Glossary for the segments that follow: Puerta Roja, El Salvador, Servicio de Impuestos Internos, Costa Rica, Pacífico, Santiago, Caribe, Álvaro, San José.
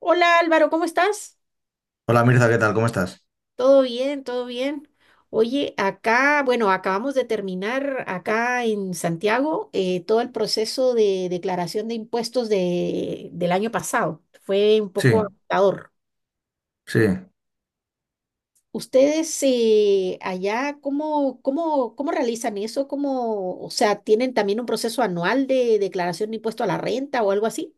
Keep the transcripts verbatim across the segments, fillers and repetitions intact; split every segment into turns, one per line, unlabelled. Hola Álvaro, ¿cómo estás?
Hola Mirza, ¿qué tal? ¿Cómo estás?
Todo bien, todo bien. Oye, acá, bueno, acabamos de terminar acá en Santiago eh, todo el proceso de declaración de impuestos de, del año pasado. Fue un
Sí,
poco agotador.
sí,
¿Ustedes eh, allá cómo, cómo, cómo realizan eso? ¿Cómo, o sea, tienen también un proceso anual de declaración de impuesto a la renta o algo así?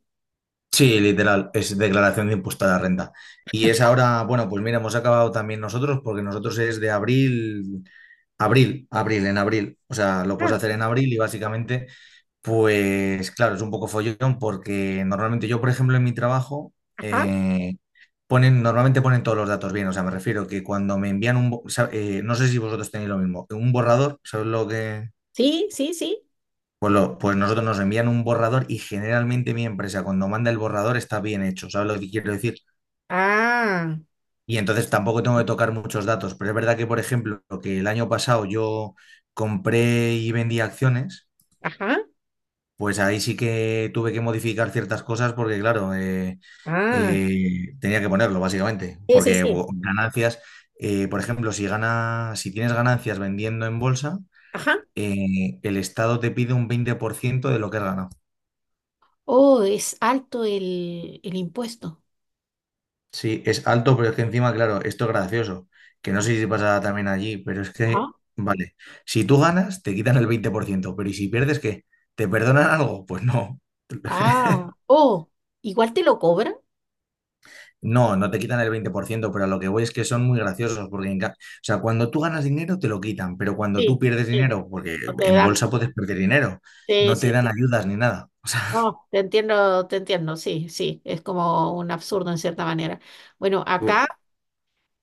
sí, literal, es declaración de impuesto a la renta. Y es ahora, bueno, pues mira, hemos acabado también nosotros porque nosotros es de abril, abril, abril, en abril. O sea, lo puedes
Ah,
hacer en abril y básicamente, pues claro, es un poco follón porque normalmente yo, por ejemplo, en mi trabajo,
ajá.
eh, ponen, normalmente ponen todos los datos bien. O sea, me refiero que cuando me envían un, bo- sa- eh, no sé si vosotros tenéis lo mismo, un borrador, ¿sabes lo que...?
Sí, sí, sí.
Pues, lo- pues nosotros nos envían un borrador y generalmente mi empresa cuando manda el borrador está bien hecho, ¿sabes lo que quiero decir?
Ah,
Y entonces tampoco tengo que tocar muchos datos, pero es verdad que, por ejemplo, que el año pasado yo compré y vendí acciones,
ajá.
pues ahí sí que tuve que modificar ciertas cosas porque, claro, eh,
Ah,
eh, tenía que ponerlo, básicamente,
sí, sí,
porque
sí.
bo- ganancias, eh, por ejemplo, si gana, si tienes ganancias vendiendo en bolsa,
Ajá.
eh, el Estado te pide un veinte por ciento de lo que has ganado.
Oh, es alto el, el impuesto.
Sí, es alto, pero es que encima, claro, esto es gracioso, que no sé si pasa también allí, pero es
Ajá.
que, vale, si tú ganas, te quitan el veinte por ciento. Pero ¿y si pierdes qué? ¿Te perdonan algo? Pues no.
Ah, oh, igual te lo cobran.
No, no te quitan el veinte por ciento. Pero a lo que voy es que son muy graciosos, porque en ca- o sea, cuando tú ganas dinero te lo quitan, pero cuando tú
Sí,
pierdes
sí,
dinero, porque
no te
en
dan.
bolsa puedes perder dinero,
Sí,
no te
sí,
dan
sí.
ayudas ni nada. O sea,
No, te entiendo, te entiendo, sí, sí, es como un absurdo en cierta manera. Bueno, acá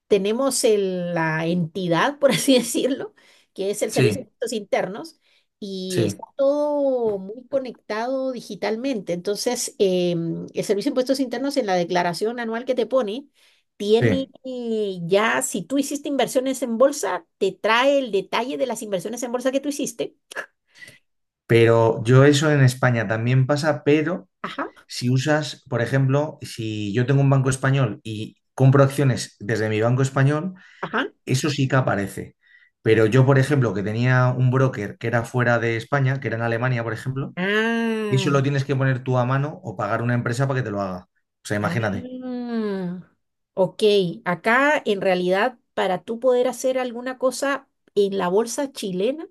tenemos el- la entidad, por así decirlo, que es el Servicio de
sí,
Impuestos Internos, y está
sí,
todo muy conectado digitalmente. Entonces, em, el Servicio de Impuestos Internos en la declaración anual que te pone, tiene
sí.
eh, ya, si tú hiciste inversiones en bolsa, te trae el detalle de las inversiones en bolsa que tú hiciste.
Pero yo eso en España también pasa, pero...
Ajá,
Si usas, por ejemplo, si yo tengo un banco español y compro acciones desde mi banco español,
ajá.
eso sí que aparece. Pero yo, por ejemplo, que tenía un broker que era fuera de España, que era en Alemania, por ejemplo, eso
Ah.
lo tienes que poner tú a mano o pagar una empresa para que te lo haga. O sea,
Ah,
imagínate,
ok. Acá en realidad para tú poder hacer alguna cosa en la bolsa chilena,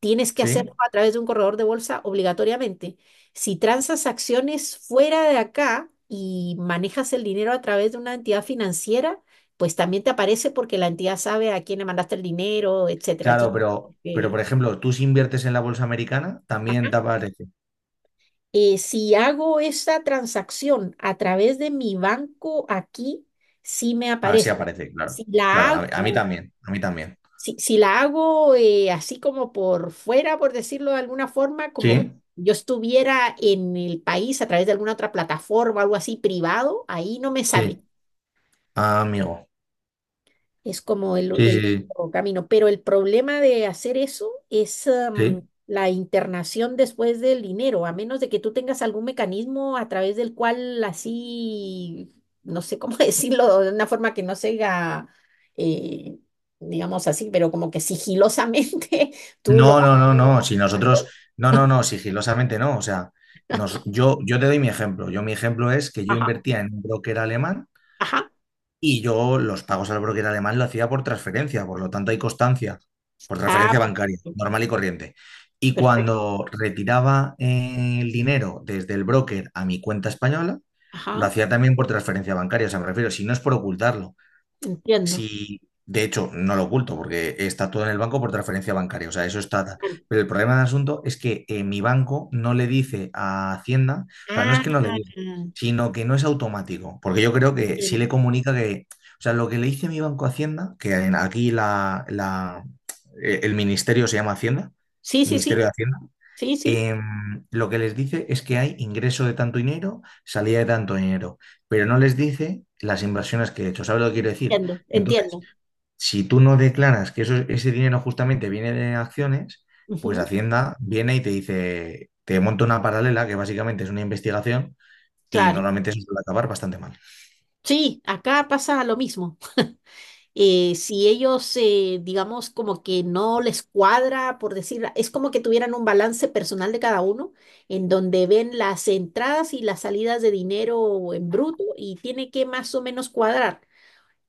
tienes que hacerlo
¿sí?
a través de un corredor de bolsa obligatoriamente. Si transas acciones fuera de acá y manejas el dinero a través de una entidad financiera, pues también te aparece porque la entidad sabe a quién le mandaste el dinero, etcétera.
Claro,
Entonces,
pero, pero por
eh,
ejemplo, tú si inviertes en la bolsa americana, también te aparece.
eh, si hago esa transacción a través de mi banco aquí, sí me
Ah, sí
aparece.
aparece, claro.
Si la
Claro, a mí, a mí
hago,
también, a mí también.
si, si la hago eh, así como por fuera, por decirlo de alguna forma, como
Sí,
yo estuviera en el país a través de alguna otra plataforma, algo así privado, ahí no me sale.
sí, ah, amigo.
Es como el, sí,
Sí,
el
sí, sí.
único camino. Pero el problema de hacer eso es, em,
Sí.
la internación después del dinero, a menos de que tú tengas algún mecanismo a través del cual así, no sé cómo decirlo, de una forma que no sea, eh, digamos así, pero como que sigilosamente tú lo...
No, no, no, no. Si nosotros, no, no, no, sigilosamente no. O sea, nos, yo, yo te doy mi ejemplo. Yo, mi ejemplo es que yo
Ajá,
invertía en un broker alemán
ajá.
y yo los pagos al broker alemán lo hacía por transferencia, por lo tanto hay constancia, por
Ah,
transferencia bancaria,
perfecto,
normal y corriente. Y
perfecto.
cuando retiraba eh, el dinero desde el broker a mi cuenta española, lo
Ajá,
hacía también por transferencia bancaria. O sea, me refiero, si no es por ocultarlo.
entiendo.
Si, de hecho, no lo oculto porque está todo en el banco por transferencia bancaria, o sea, eso está tal. Pero el problema del asunto es que eh, mi banco no le dice a Hacienda, o sea, no es que no le
Ah,
diga, sino que no es automático, porque yo creo que sí le
entiendo.
comunica que, o sea, lo que le dice mi banco a Hacienda, que en- aquí la, la- eh, el ministerio se llama Hacienda,
Sí, sí,
Ministerio
sí,
de Hacienda,
sí, sí,
em, lo que les dice es que hay ingreso de tanto dinero, salida de tanto dinero, pero no les dice las inversiones que he hecho. ¿Sabes lo que quiero decir?
entiendo,
Entonces,
entiendo.
si tú no declaras que eso, ese dinero justamente viene de acciones, pues
Ujú.
Hacienda viene y te dice, te monta una paralela que básicamente es una investigación y
Claro,
normalmente eso suele acabar bastante mal.
sí, acá pasa lo mismo. Eh, si ellos, eh, digamos, como que no les cuadra, por decir, es como que tuvieran un balance personal de cada uno, en donde ven las entradas y las salidas de dinero en bruto y tiene que más o menos cuadrar.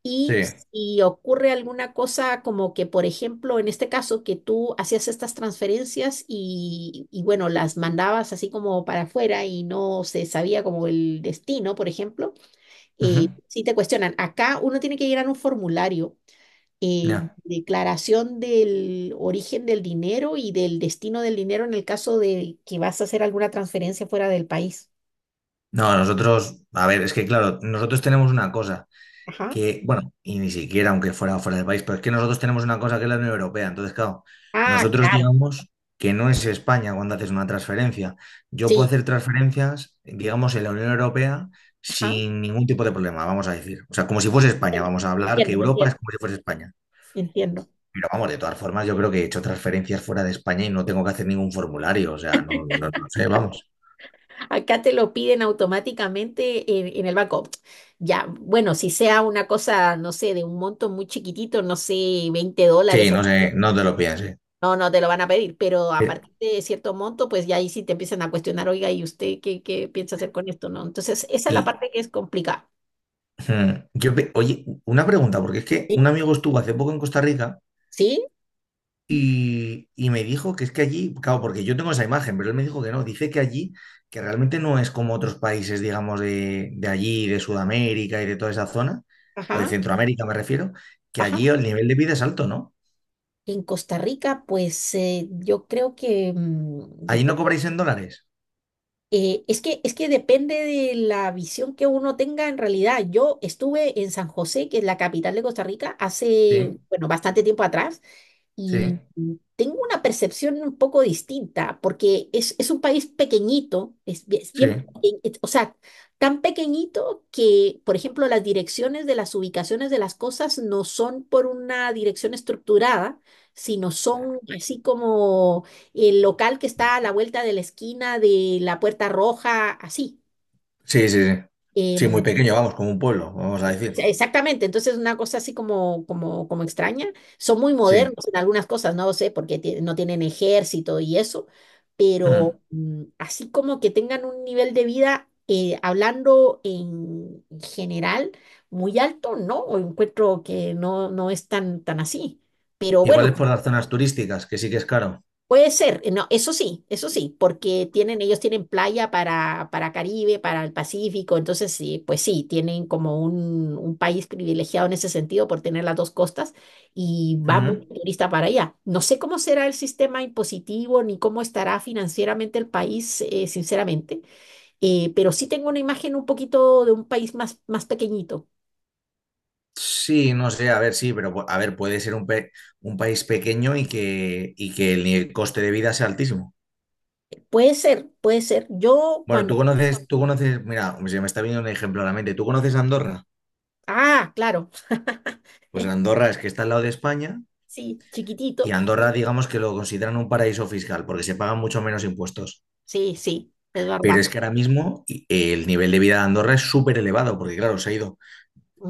Y
Sí.
si ocurre alguna cosa como que, por ejemplo, en este caso, que tú hacías estas transferencias y, y bueno, las mandabas así como para afuera y no se sabía como el destino, por ejemplo eh,
Ujú.
si te cuestionan, acá uno tiene que llenar un formulario, eh,
Ya.
declaración del origen del dinero y del destino del dinero en el caso de que vas a hacer alguna transferencia fuera del país.
No, nosotros, a ver, es que claro, nosotros tenemos una cosa,
Ajá.
que, bueno, y ni siquiera aunque fuera fuera del país, pero es que nosotros tenemos una cosa que es la Unión Europea. Entonces, claro,
Ah,
nosotros
claro,
digamos que no es España cuando haces una transferencia. Yo puedo
sí.
hacer transferencias, digamos, en la Unión Europea
Ajá.
sin ningún tipo de problema, vamos a decir. O sea, como si fuese España,
Entiendo,
vamos a hablar que
entiendo,
Europa es
entiendo.
como si fuese España.
Entiendo.
Pero vamos, de todas formas, yo creo que he hecho transferencias fuera de España y no tengo que hacer ningún formulario. O sea, no, no, no sé, vamos.
Acá te lo piden automáticamente en, en el banco. Ya, bueno, si sea una cosa, no sé, de un monto muy chiquitito, no sé, veinte
Sí,
dólares
no sé, no te lo pienses.
No, no te lo van a pedir, pero a
Eh,
partir de cierto monto, pues ya ahí sí te empiezan a cuestionar, oiga, ¿y usted qué, qué piensa hacer con esto? ¿No? Entonces, esa es la
Y,
parte que es complicada.
Hmm. Yo, pe- oye, una pregunta, porque es que un
Sí,
amigo estuvo hace poco en Costa Rica
sí,
y, y me dijo que es que allí, claro, porque yo tengo esa imagen, pero él me dijo que no, dice que allí, que realmente no es como otros países, digamos, de, de allí, de Sudamérica y de toda esa zona, o de
ajá,
Centroamérica me refiero, que
ajá.
allí el nivel de vida es alto, ¿no?
En Costa Rica, pues eh, yo creo que mm,
Allí no
depende.
cobráis en dólares.
Eh, es que, es que depende de la visión que uno tenga en realidad. Yo estuve en San José, que es la capital de Costa Rica, hace,
Sí,
bueno, bastante tiempo atrás,
sí,
y tengo una percepción un poco distinta, porque es, es un país pequeñito, es, bi- es
sí.
bien, peque- es- o sea, tan pequeñito que, por ejemplo, las direcciones de las ubicaciones de las cosas no son por una dirección estructurada, sino son así como el local que está a la vuelta de la esquina de la Puerta Roja, así.
Sí, sí, sí. Sí, muy
Em,
pequeño, vamos, como un pueblo, vamos a
e-,
decir.
exactamente, entonces una cosa así como, como, como extraña. Son muy
Sí.
modernos en algunas cosas, no lo sé, porque ti- no tienen ejército y eso,
Hmm.
pero mm, así como que tengan un nivel de vida, eh, hablando en general, muy alto, ¿no? O encuentro que no, no es tan, tan así. Pero
Igual
bueno,
es por las zonas turísticas, que sí que es caro.
puede ser, eh, no, eso sí, eso sí, porque tienen, ellos tienen playa para, para Caribe, para el Pacífico, entonces sí, pues sí, tienen como un, un país privilegiado en ese sentido por tener las dos costas y va mucho turista para allá. No sé cómo será el sistema impositivo ni cómo estará financieramente el país, eh, sinceramente, eh, pero sí tengo una imagen un poquito de un país más, más pequeñito.
Sí, no sé, a ver, sí, pero pu- a ver, puede ser un, pe- un país pequeño y que, y que, el, nivel- coste de vida sea altísimo.
Puede ser, puede ser. Yo
Bueno,
cuando...
tú conoces, tú conoces, mira, se me está viniendo un ejemplo a la mente. ¿Tú conoces Andorra?
Ah, claro.
Pues Andorra es que está al lado de España
Sí,
y
chiquitito.
Andorra, digamos que lo consideran un paraíso fiscal porque se pagan mucho menos impuestos.
Sí, sí, es
Pero
verdad.
es que ahora mismo y- el nivel de vida de Andorra es súper elevado porque, claro, se ha ido.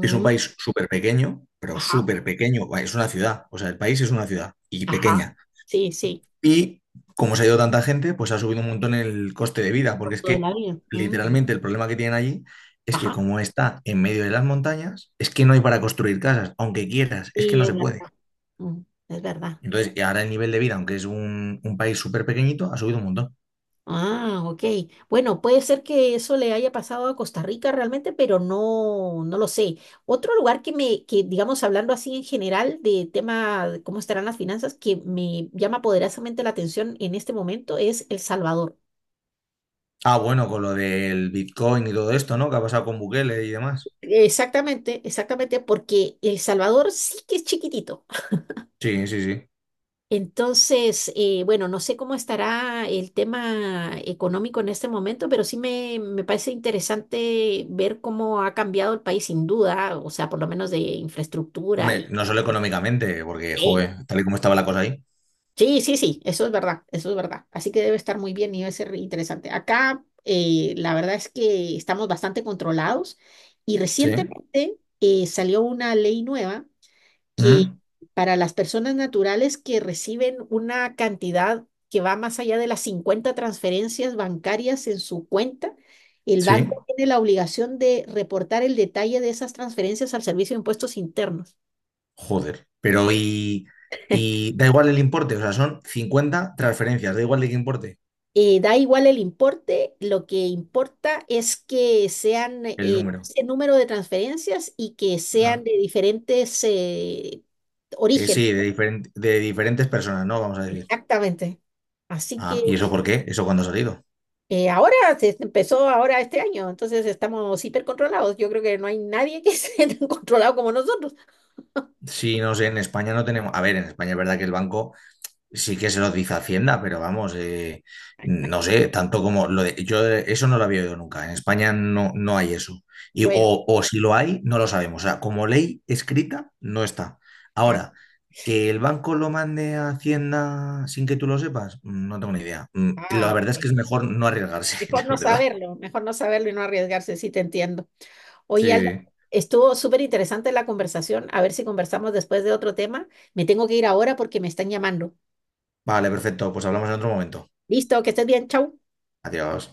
Es un país súper pequeño, pero
ajá,
súper pequeño. Es una ciudad, o sea, el país es una ciudad y
ajá.
pequeña.
Sí, sí,
Y como se ha ido tanta gente, pues ha subido un montón el coste de vida,
por
porque es
toda
que
la vida. Mm,
literalmente el problema que tienen allí es que
ajá,
como está en medio de las montañas, es que no hay para construir casas, aunque quieras, es que
sí,
no
es
se
verdad.
puede.
Mm, es verdad.
Entonces, y ahora el nivel de vida, aunque es un, un país súper pequeñito, ha subido un montón.
Ah, ok. Bueno, puede ser que eso le haya pasado a Costa Rica realmente, pero no, no lo sé. Otro lugar que me, que digamos, hablando así en general de tema de cómo estarán las finanzas, que me llama poderosamente la atención en este momento es El Salvador.
Ah, bueno, con lo del Bitcoin y todo esto, ¿no? Que ha pasado con Bukele y demás.
Exactamente, exactamente, porque El Salvador sí que es chiquitito.
Sí, sí, sí.
Entonces, eh, bueno, no sé cómo estará el tema económico en este momento, pero sí me, me parece interesante ver cómo ha cambiado el país sin duda, o sea, por lo menos de infraestructura
Hombre,
y...
no solo económicamente, porque,
Sí,
joder, tal y como estaba la cosa ahí.
sí, sí, sí, eso es verdad, eso es verdad. Así que debe estar muy bien y debe ser interesante. Acá, eh, la verdad es que estamos bastante controlados y
Sí.
recientemente eh, salió una ley nueva que
¿Mm?
para las personas naturales que reciben una cantidad que va más allá de las cincuenta transferencias bancarias en su cuenta, el
Sí.
banco tiene la obligación de reportar el detalle de esas transferencias al Servicio de Impuestos Internos.
Joder, pero y, y da igual el importe, o sea, son cincuenta transferencias, da igual de qué importe
Eh, da igual el importe, lo que importa es que sean eh,
el número.
ese número de transferencias y que
Ah,
sean de diferentes eh,
eh,
origen.
sí, de, diferen- de diferentes personas, ¿no? Vamos a decir.
Exactamente. Así
Ah,
que
¿y eso por qué? ¿Eso cuándo ha salido?
Eh, ahora se se empezó ahora este año, entonces estamos hipercontrolados. Yo creo que no hay nadie que esté tan controlado como nosotros.
Sí, no sé, en España no tenemos. A ver, en España es verdad que el banco sí que se los dice Hacienda, pero vamos, eh, no sé, tanto como lo de, yo eh, eso no lo había oído nunca. En España no, no hay eso. Y, o,
Bueno,
o si lo hay, no lo sabemos. O sea, como ley escrita, no está.
ah,
Ahora, que el banco lo mande a Hacienda sin que tú lo sepas, mm, no tengo ni idea. Mm, La
ah,
verdad es que
ok.
es mejor no arriesgarse,
Mejor
la
no
verdad.
saberlo, mejor no saberlo y no arriesgarse, sí te entiendo. Oye,
Sí,
Álvaro,
sí.
estuvo súper interesante la conversación. A ver si conversamos después de otro tema. Me tengo que ir ahora porque me están llamando.
Vale, perfecto. Pues hablamos en otro momento.
Listo, que estés bien, chau.
Adiós.